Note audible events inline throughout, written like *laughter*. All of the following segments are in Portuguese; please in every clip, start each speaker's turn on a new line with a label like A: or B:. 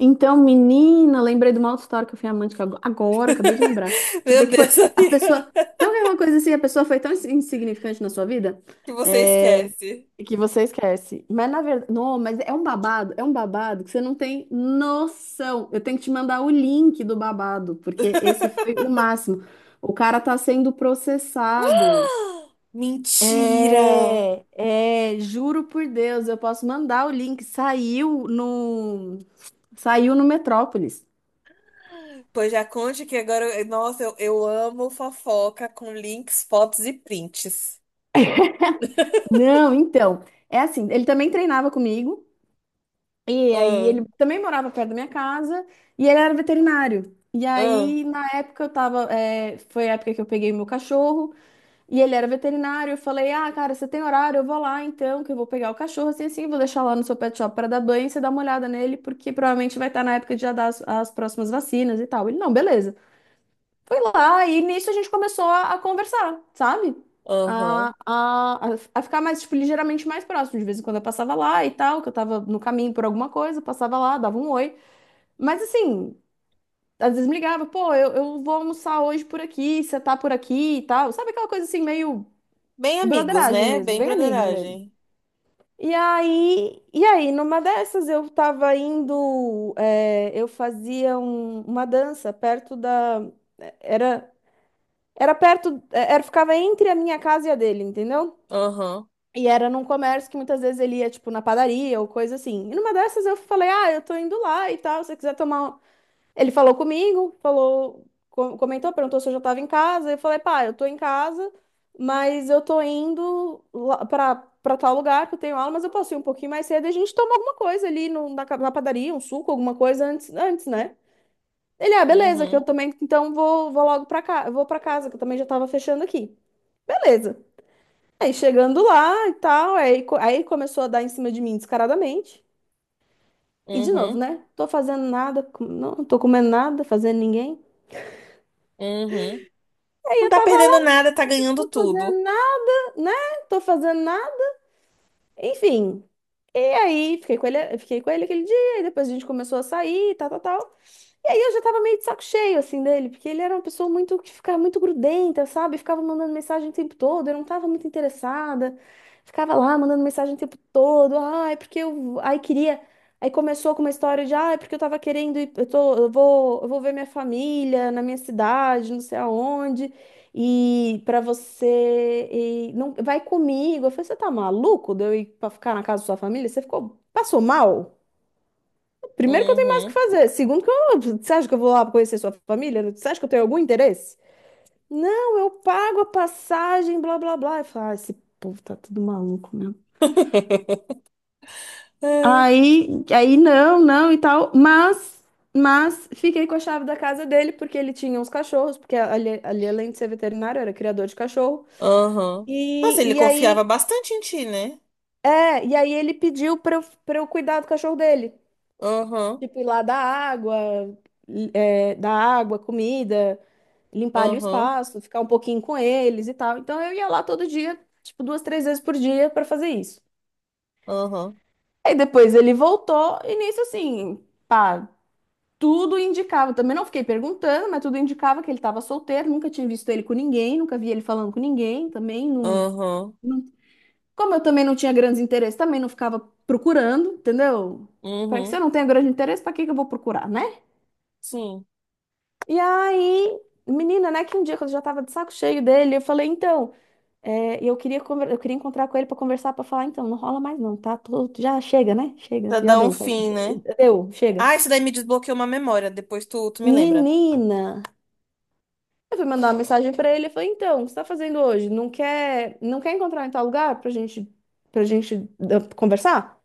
A: Então, menina, lembrei de uma outra história que eu fui amante que agora, acabei de lembrar.
B: *laughs*
A: Você vê
B: Meu
A: que foi
B: Deus,
A: a
B: amiga.
A: pessoa. Sabe que é uma coisa assim? A pessoa foi tão insignificante na sua vida,
B: Que você
A: é,
B: esquece.
A: que você esquece. Mas na verdade. Não, mas é um babado que você não tem noção. Eu tenho que te mandar o link do babado, porque esse foi o máximo. O cara tá sendo processado.
B: *gasps* Mentira!
A: É, é, juro por Deus, eu posso mandar o link. Saiu no Metrópolis.
B: Pois já conte que agora. Nossa, eu amo fofoca com links, fotos e prints.
A: Não, então, é assim, ele também treinava comigo, e aí
B: Ah,
A: ele também morava perto da minha casa, e ele era veterinário. E
B: ah,
A: aí, na época, eu tava, foi a época que eu peguei meu cachorro, e ele era veterinário, eu falei, ah, cara, você tem horário, eu vou lá então, que eu vou pegar o cachorro, assim, assim, vou deixar lá no seu pet shop para dar banho, e você dá uma olhada nele, porque provavelmente vai estar na época de já dar as, as próximas vacinas e tal. Ele, não, beleza. Foi lá e nisso a gente começou a conversar, sabe? A,
B: aham.
A: a, a a ficar mais, tipo, ligeiramente mais próximo. De vez em quando eu passava lá e tal, que eu tava no caminho por alguma coisa, passava lá, dava um oi. Mas assim, às vezes me ligava, pô, eu vou almoçar hoje por aqui, você tá por aqui e tal. Sabe aquela coisa assim, meio
B: Bem amigos,
A: broderagem
B: né?
A: mesmo,
B: Bem
A: bem amigos mesmo.
B: brotheragem.
A: E aí, numa dessas eu tava indo, eu fazia uma dança perto da, eh, era era perto, era, ficava entre a minha casa e a dele, entendeu?
B: Aham.
A: E era num comércio que muitas vezes ele ia, tipo, na padaria ou coisa assim. E numa dessas eu falei, ah, eu tô indo lá e tal, se você quiser tomar. Ele falou comigo, falou, comentou, perguntou se eu já tava em casa. Eu falei, pá, eu tô em casa, mas eu tô indo lá pra tal lugar que eu tenho aula, mas eu posso ir um pouquinho mais cedo e a gente toma alguma coisa ali no, na, ca- na padaria, um suco, alguma coisa antes, né? Ele, ah, beleza, que eu
B: Uhum.
A: também, então vou logo pra cá, eu vou pra casa, que eu também já tava fechando aqui. Beleza. Aí chegando lá e tal, aí começou a dar em cima de mim descaradamente. E de novo,
B: Uhum.
A: né? Tô fazendo nada, não tô comendo nada, fazendo ninguém.
B: Uhum.
A: Aí
B: Não
A: eu
B: tá
A: tava
B: perdendo
A: lá,
B: nada, tá
A: tô
B: ganhando tudo.
A: fazendo nada, né? Tô fazendo nada. Enfim. E aí fiquei com ele aquele dia, e depois a gente começou a sair, tal, tal, tal. E aí eu já tava meio de saco cheio, assim, dele, porque ele era uma pessoa muito que ficava muito grudenta, sabe? Ficava mandando mensagem o tempo todo, eu não tava muito interessada. Ficava lá mandando mensagem o tempo todo. Ai, porque eu. Aí queria. Aí começou com uma história de, ai, porque eu tava querendo ir, eu vou ver minha família na minha cidade, não sei aonde. E pra você e não vai comigo. Eu falei, você tá maluco de eu ir pra ficar na casa da sua família? Você ficou, passou mal? Primeiro que eu tenho mais o que
B: Uhum.
A: fazer. Segundo que eu, você acha que eu vou lá conhecer sua família? Você acha que eu tenho algum interesse? Não, eu pago a passagem, blá, blá, blá. E fala, ah, esse povo tá tudo maluco mesmo.
B: *laughs* É,
A: Aí, não, não e tal. Mas fiquei com a chave da casa dele porque ele tinha uns cachorros, porque ali além de ser veterinário, era criador de cachorro.
B: aham. Nossa, ele
A: E, e
B: confiava
A: aí,
B: bastante em ti, né?
A: e aí ele pediu pra eu cuidar do cachorro dele.
B: Aham.
A: Tipo, ir lá dar água, comida, limpar ali o
B: Uhum,
A: espaço, ficar um pouquinho com eles e tal. Então eu ia lá todo dia, tipo, duas, três vezes por dia para fazer isso.
B: uhum,
A: Aí depois ele voltou e nisso assim, pá, tudo indicava. Também não fiquei perguntando, mas tudo indicava que ele estava solteiro, nunca tinha visto ele com ninguém, nunca vi ele falando com ninguém, também não.
B: uhum,
A: Como eu também não tinha grandes interesses, também não ficava procurando, entendeu? Para que se eu
B: uhum,
A: não tenho grande interesse, para que que eu vou procurar, né?
B: sim.
A: E aí, menina, né, que um dia quando eu já tava de saco cheio dele, eu falei, então, é, e eu queria, eu queria encontrar com ele para conversar, para falar, então, não rola mais não, tá? Já chega, né? Chega,
B: Pra
A: já
B: dar um
A: deu, pai.
B: fim, né?
A: Deu, chega.
B: Ah, isso daí me desbloqueou uma memória. Depois tu me lembra.
A: Menina, eu fui mandar uma mensagem para ele, eu falei, então, o que você tá fazendo hoje? Não quer encontrar em tal lugar pra gente conversar?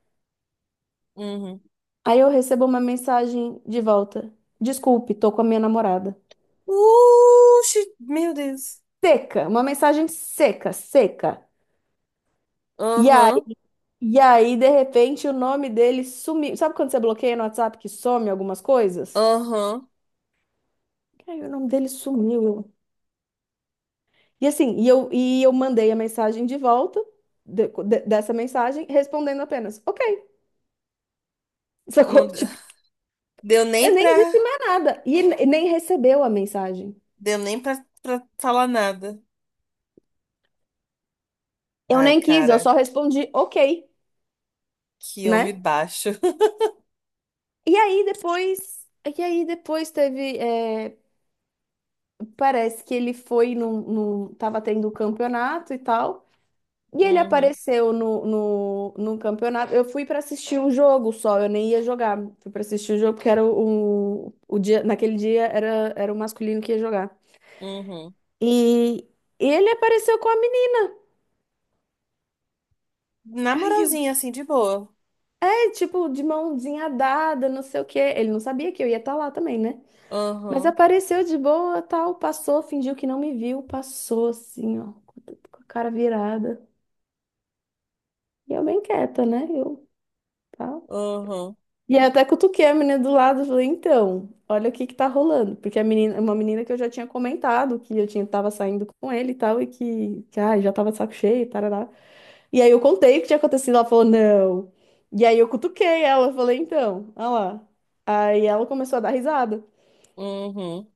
B: Uhum.
A: Aí eu recebo uma mensagem de volta. Desculpe, tô com a minha namorada.
B: Uxi, meu Deus.
A: Seca, uma mensagem seca, seca. E aí,
B: Aham,
A: e aí, de repente, o nome dele sumiu. Sabe quando você bloqueia no WhatsApp que some algumas coisas?
B: aham.
A: Aí o nome dele sumiu. E assim, e eu mandei a mensagem de volta dessa mensagem, respondendo apenas, ok. *laughs*
B: Não
A: Sacou?
B: de-
A: Tipo,
B: Deu
A: eu
B: nem
A: nem
B: pra.
A: disse mais nada. E ele nem recebeu a mensagem.
B: Deu nem pra, pra falar nada.
A: Eu
B: Ai,
A: nem quis, eu
B: cara,
A: só respondi, ok,
B: que
A: né?
B: homem baixo. *laughs*
A: E aí depois. E aí depois teve. É, parece que ele foi num, num. Tava tendo um campeonato e tal. E ele
B: Uhum,
A: apareceu no campeonato. Eu fui para assistir um jogo só, eu nem ia jogar. Fui para assistir o jogo porque era o dia, naquele dia era o masculino que ia jogar.
B: uhum.
A: E ele apareceu com a menina.
B: Na
A: Ai, eu...
B: moralzinha, assim, de boa.
A: tipo, de mãozinha dada, não sei o quê. Ele não sabia que eu ia estar lá também, né? Mas
B: Aham,
A: apareceu de boa, tal, passou, fingiu que não me viu, passou assim, ó, com a cara virada. E eu bem quieta, né? Eu, tá.
B: aham,
A: E aí eu até cutuquei a menina do lado, e falei, então, olha o que que tá rolando. Porque a menina, uma menina que eu já tinha comentado que eu tinha, tava saindo com ele e tal, e que ai, já tava de saco cheio, tarará. E aí eu contei o que tinha acontecido, ela falou, não. E aí eu cutuquei ela, falei, então, olha lá. Aí ela começou a dar risada.
B: uhum.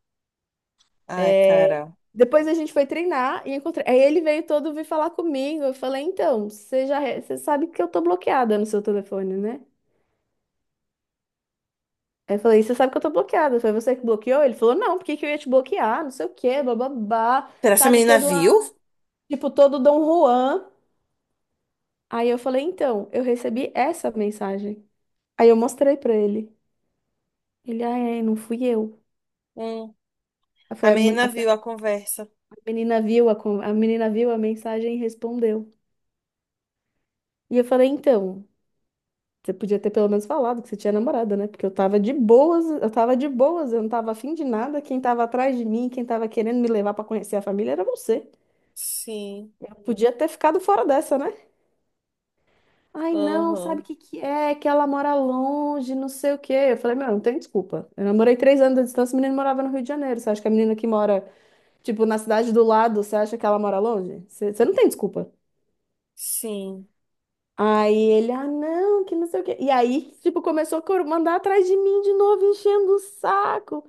B: Ai,
A: É,
B: cara.
A: Depois a gente foi treinar e encontrei. Aí ele veio todo vir falar comigo. Eu falei, então, você você sabe que eu tô bloqueada no seu telefone, né? Aí eu falei, você sabe que eu tô bloqueada. Foi você que bloqueou? Ele falou, não, por que que eu ia te bloquear? Não sei o quê, bababá.
B: Será que essa
A: Sabe,
B: menina viu?
A: tipo, todo Dom Juan. Aí eu falei, então, eu recebi essa mensagem. Aí eu mostrei pra ele. Ele, ah, é, não fui eu. Aí
B: A
A: Foi a, mu-
B: menina
A: a- foi
B: viu a conversa.
A: a menina viu a menina viu a mensagem e respondeu. E eu falei, então, você podia ter pelo menos falado que você tinha namorada, né? Porque eu tava de boas, eu tava de boas, eu não tava afim de nada. Quem tava atrás de mim, quem tava querendo me levar pra conhecer a família era você.
B: Sim.
A: Eu podia ter ficado fora dessa, né? Ai, não, sabe
B: Aham.
A: o que que é? Que ela mora longe, não sei o quê. Eu falei, meu, não tem desculpa. Eu namorei 3 anos de distância, o menino morava no Rio de Janeiro. Você acha que a menina que mora, tipo, na cidade do lado, você acha que ela mora longe? Você não tem desculpa.
B: Sim.
A: Aí ele, ah, não, que não sei o quê. E aí, tipo, começou a mandar atrás de mim de novo, enchendo o saco.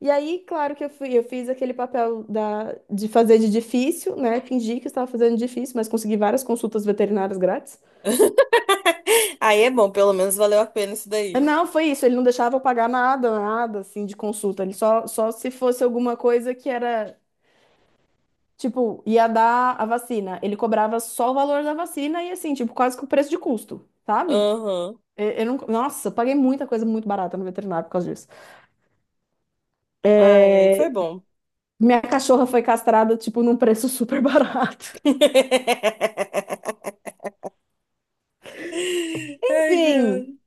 A: E aí, claro que eu fui, eu fiz aquele papel da, de fazer de difícil, né? Fingi que eu estava fazendo de difícil, mas consegui várias consultas veterinárias grátis.
B: *laughs* Aí é bom, pelo menos valeu a pena isso daí.
A: Não, foi isso. Ele não deixava eu pagar nada, nada assim de consulta. Ele só se fosse alguma coisa que era, tipo, ia dar a vacina. Ele cobrava só o valor da vacina e assim, tipo, quase que o preço de custo, sabe?
B: Aham.
A: Eu não, nossa, eu paguei muita coisa muito barata no veterinário por causa disso.
B: Ai, aí foi
A: É,
B: bom.
A: minha cachorra foi castrada, tipo, num preço super barato.
B: *laughs*
A: *laughs*
B: Ai, que
A: Enfim.
B: ódio.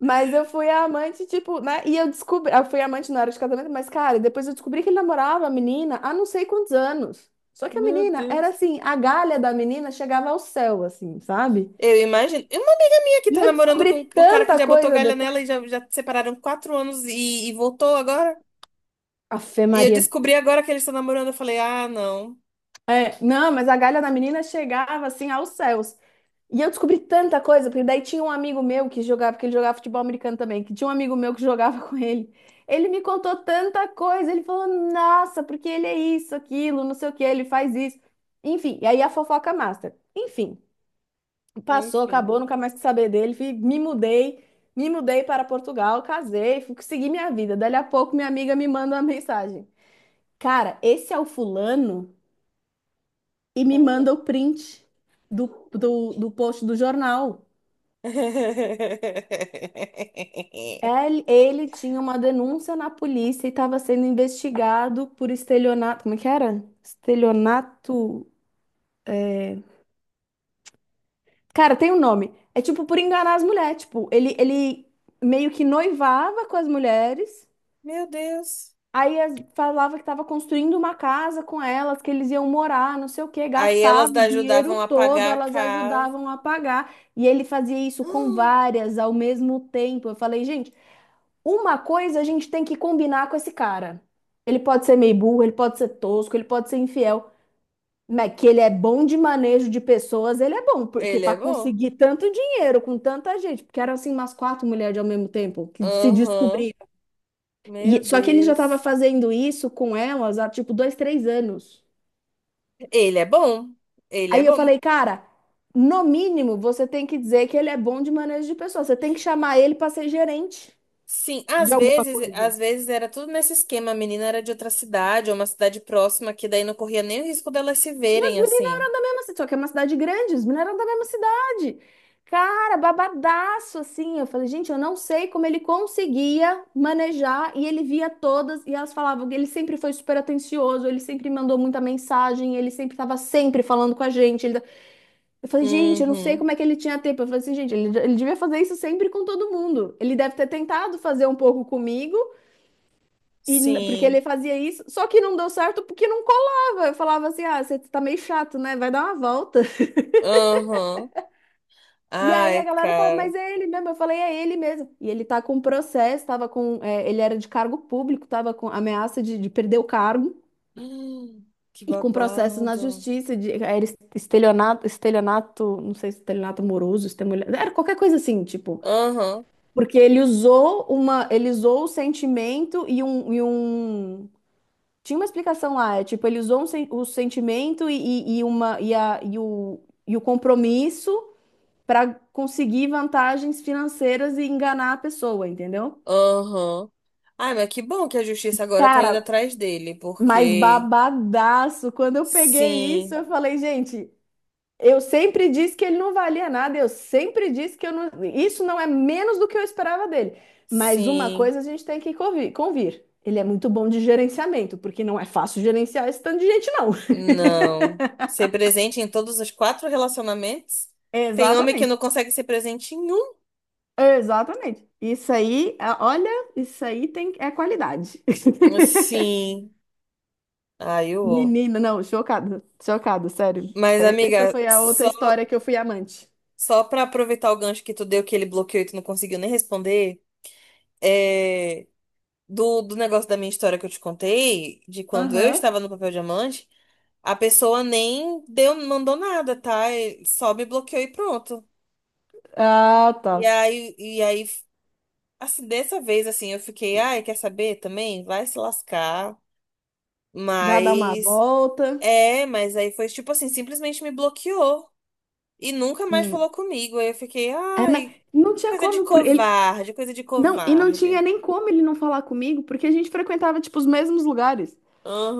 A: Mas eu fui a amante, tipo, né? E eu descobri. Eu fui amante na hora de casamento, mas, cara, depois eu descobri que ele namorava a menina há não sei quantos anos. Só que a
B: Meu
A: menina era
B: Deus.
A: assim, a galha da menina chegava ao céu, assim, sabe?
B: Eu imagino. Uma amiga minha que
A: E
B: tá
A: eu
B: namorando
A: descobri
B: com o cara que
A: tanta
B: já botou
A: coisa
B: galha nela
A: depois.
B: e já separaram 4 anos e voltou agora.
A: Fé
B: E eu
A: Maria.
B: descobri agora que eles estão namorando. Eu falei, ah, não.
A: É, não, mas a galha da menina chegava assim aos céus. E eu descobri tanta coisa, porque daí tinha um amigo meu que jogava, porque ele jogava futebol americano também, que tinha um amigo meu que jogava *laughs* com ele. Ele me contou tanta coisa, ele falou, nossa, porque ele é isso, aquilo, não sei o que, ele faz isso. Enfim, e aí a fofoca master. Enfim, passou,
B: Enfim.
A: acabou, nunca mais quis saber dele, me mudei para Portugal, casei, segui minha vida. Dali a pouco minha amiga me manda uma mensagem. Cara, esse é o fulano? E me
B: Uhum.
A: manda o print do, do post do jornal.
B: *laughs*
A: Ele tinha uma denúncia na polícia e estava sendo investigado por estelionato. Como é que era? Estelionato. É. Cara, tem um nome. É tipo por enganar as mulheres. Tipo, ele meio que noivava com as mulheres.
B: Meu Deus.
A: Aí falava que estava construindo uma casa com elas, que eles iam morar, não sei o quê,
B: Aí
A: gastava
B: elas
A: o dinheiro
B: ajudavam a
A: todo,
B: pagar a
A: elas
B: casa.
A: ajudavam a pagar. E ele fazia isso com
B: Ah,
A: várias ao mesmo tempo. Eu falei, gente, uma coisa a gente tem que combinar com esse cara. Ele pode ser meio burro, ele pode ser tosco, ele pode ser infiel, mas que ele é bom de manejo de pessoas, ele é bom, porque
B: ele é
A: para
B: bom.
A: conseguir tanto dinheiro com tanta gente, porque eram assim umas quatro mulheres ao mesmo tempo que se
B: Aham.
A: descobriram.
B: Meu
A: E, só que ele já estava
B: Deus.
A: fazendo isso com elas há tipo 2, 3 anos.
B: Ele é bom. Ele é
A: Aí eu
B: bom.
A: falei, cara, no mínimo você tem que dizer que ele é bom de manejo de pessoas. Você tem que chamar ele para ser gerente
B: Sim, às
A: de alguma
B: vezes,
A: coisa.
B: às vezes era tudo nesse esquema. A menina era de outra cidade, ou uma cidade próxima, que daí não corria nem o risco delas se
A: As
B: verem
A: meninas
B: assim.
A: eram da mesma cidade, só que é uma cidade grande, as meninas eram da mesma cidade. Cara, babadaço assim. Eu falei, gente, eu não sei como ele conseguia manejar e ele via todas e elas falavam que ele sempre foi super atencioso, ele sempre mandou muita mensagem, ele sempre estava sempre falando com a gente. Eu falei, gente, eu não sei
B: Uhum.
A: como é que ele tinha tempo. Eu falei assim, gente, ele devia fazer isso sempre com todo mundo. Ele deve ter tentado fazer um pouco comigo, porque
B: Sim.
A: ele fazia isso, só que não deu certo porque não colava. Eu falava assim, ah, você tá meio chato, né? Vai dar uma volta. *laughs*
B: Aham.
A: E aí a
B: Ai,
A: galera falou,
B: cara.
A: mas
B: *gasps*
A: é ele mesmo. Eu falei, é ele mesmo. E ele tá com um processo, tava com, é, ele era de cargo público, tava com ameaça de perder o cargo.
B: Hum, que
A: E com processos na
B: babado.
A: justiça, de, era estelionato, estelionato, não sei, estelionato amoroso, estelionato, era qualquer coisa assim, tipo,
B: Aham.
A: porque ele usou o sentimento Tinha uma explicação lá, é tipo, ele usou o sentimento, e uma, e, a, e o compromisso para conseguir vantagens financeiras e enganar a pessoa, entendeu?
B: Aham. Ai, mas que bom que a justiça agora tá indo
A: Cara,
B: atrás dele,
A: mas
B: porque
A: babadaço, quando eu peguei isso,
B: sim,
A: eu falei, gente, eu sempre disse que ele não valia nada, eu sempre disse que eu não. Isso não é menos do que eu esperava dele. Mas uma
B: sim,
A: coisa a gente tem que convir. Ele é muito bom de gerenciamento, porque não é fácil gerenciar esse tanto de gente, não.
B: não. Ser presente em todos os quatro relacionamentos?
A: *laughs*
B: Tem homem que não
A: Exatamente.
B: consegue ser presente em um?
A: Exatamente. Isso aí, ah, olha, isso aí tem, é qualidade. *laughs*
B: Sim. Ai, eu.
A: Menina, não, chocada, chocada, sério.
B: Mas,
A: É, essa
B: amiga,
A: foi a outra história que eu fui amante.
B: só pra aproveitar o gancho que tu deu, que ele bloqueou e tu não conseguiu nem responder, é. Do negócio da minha história que eu te contei, de quando eu
A: Aham.
B: estava no papel diamante. A pessoa nem deu, mandou nada, tá? Ele só me bloqueou e pronto.
A: Ah,
B: E
A: tá.
B: aí, e aí, assim, dessa vez, assim, eu fiquei, ai, quer saber também? Vai se lascar.
A: Vai dar uma
B: Mas,
A: volta.
B: é, mas aí foi tipo assim, simplesmente me bloqueou e nunca mais
A: Hum.
B: falou comigo. Aí eu fiquei,
A: É, mas
B: ai,
A: não tinha
B: coisa de
A: como, por ele.
B: covarde, coisa de
A: Não, e não tinha
B: covarde.
A: nem como ele não falar comigo, porque a gente frequentava, tipo, os mesmos lugares.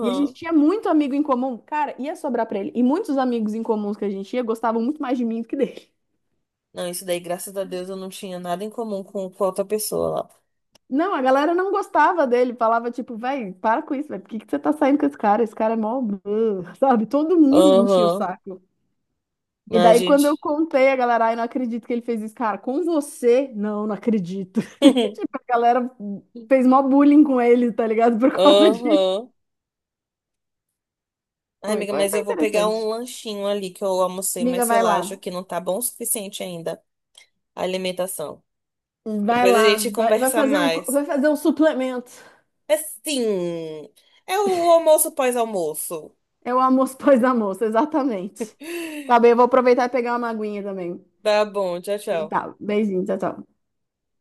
A: E a gente tinha muito amigo em comum. Cara, ia sobrar pra ele. E muitos amigos em comuns que a gente ia gostavam muito mais de mim do que dele.
B: Não, isso daí, graças a Deus, eu não tinha nada em comum com outra pessoa
A: Não, a galera não gostava dele. Falava, tipo, véi, para com isso, velho. Por que que você tá saindo com esse cara? Esse cara é mó... blá", sabe? Todo
B: lá.
A: mundo enchia o
B: Aham.
A: saco. E
B: Não,
A: daí, quando eu
B: gente.
A: contei, a galera, ai, não acredito que ele fez isso. Cara, com você? Não, não acredito. *laughs* A
B: *laughs*
A: galera fez mó bullying com ele, tá ligado? Por causa disso.
B: Aham. Ai,
A: Foi,
B: amiga,
A: foi,
B: mas
A: foi
B: eu vou pegar um
A: interessante.
B: lanchinho ali que eu almocei,
A: Amiga,
B: mas sei
A: vai
B: lá,
A: lá.
B: acho que não tá bom o suficiente ainda a alimentação.
A: Vai
B: Depois a
A: lá.
B: gente
A: Vai, vai
B: conversa
A: fazer um,
B: mais.
A: vai fazer um suplemento.
B: É sim, é o almoço pós-almoço.
A: É o almoço *laughs* pós almoço, exatamente. Tá bem, eu vou aproveitar e pegar uma aguinha também.
B: Tá bom, tchau, tchau.
A: Tá, beijinho, tchau, tchau.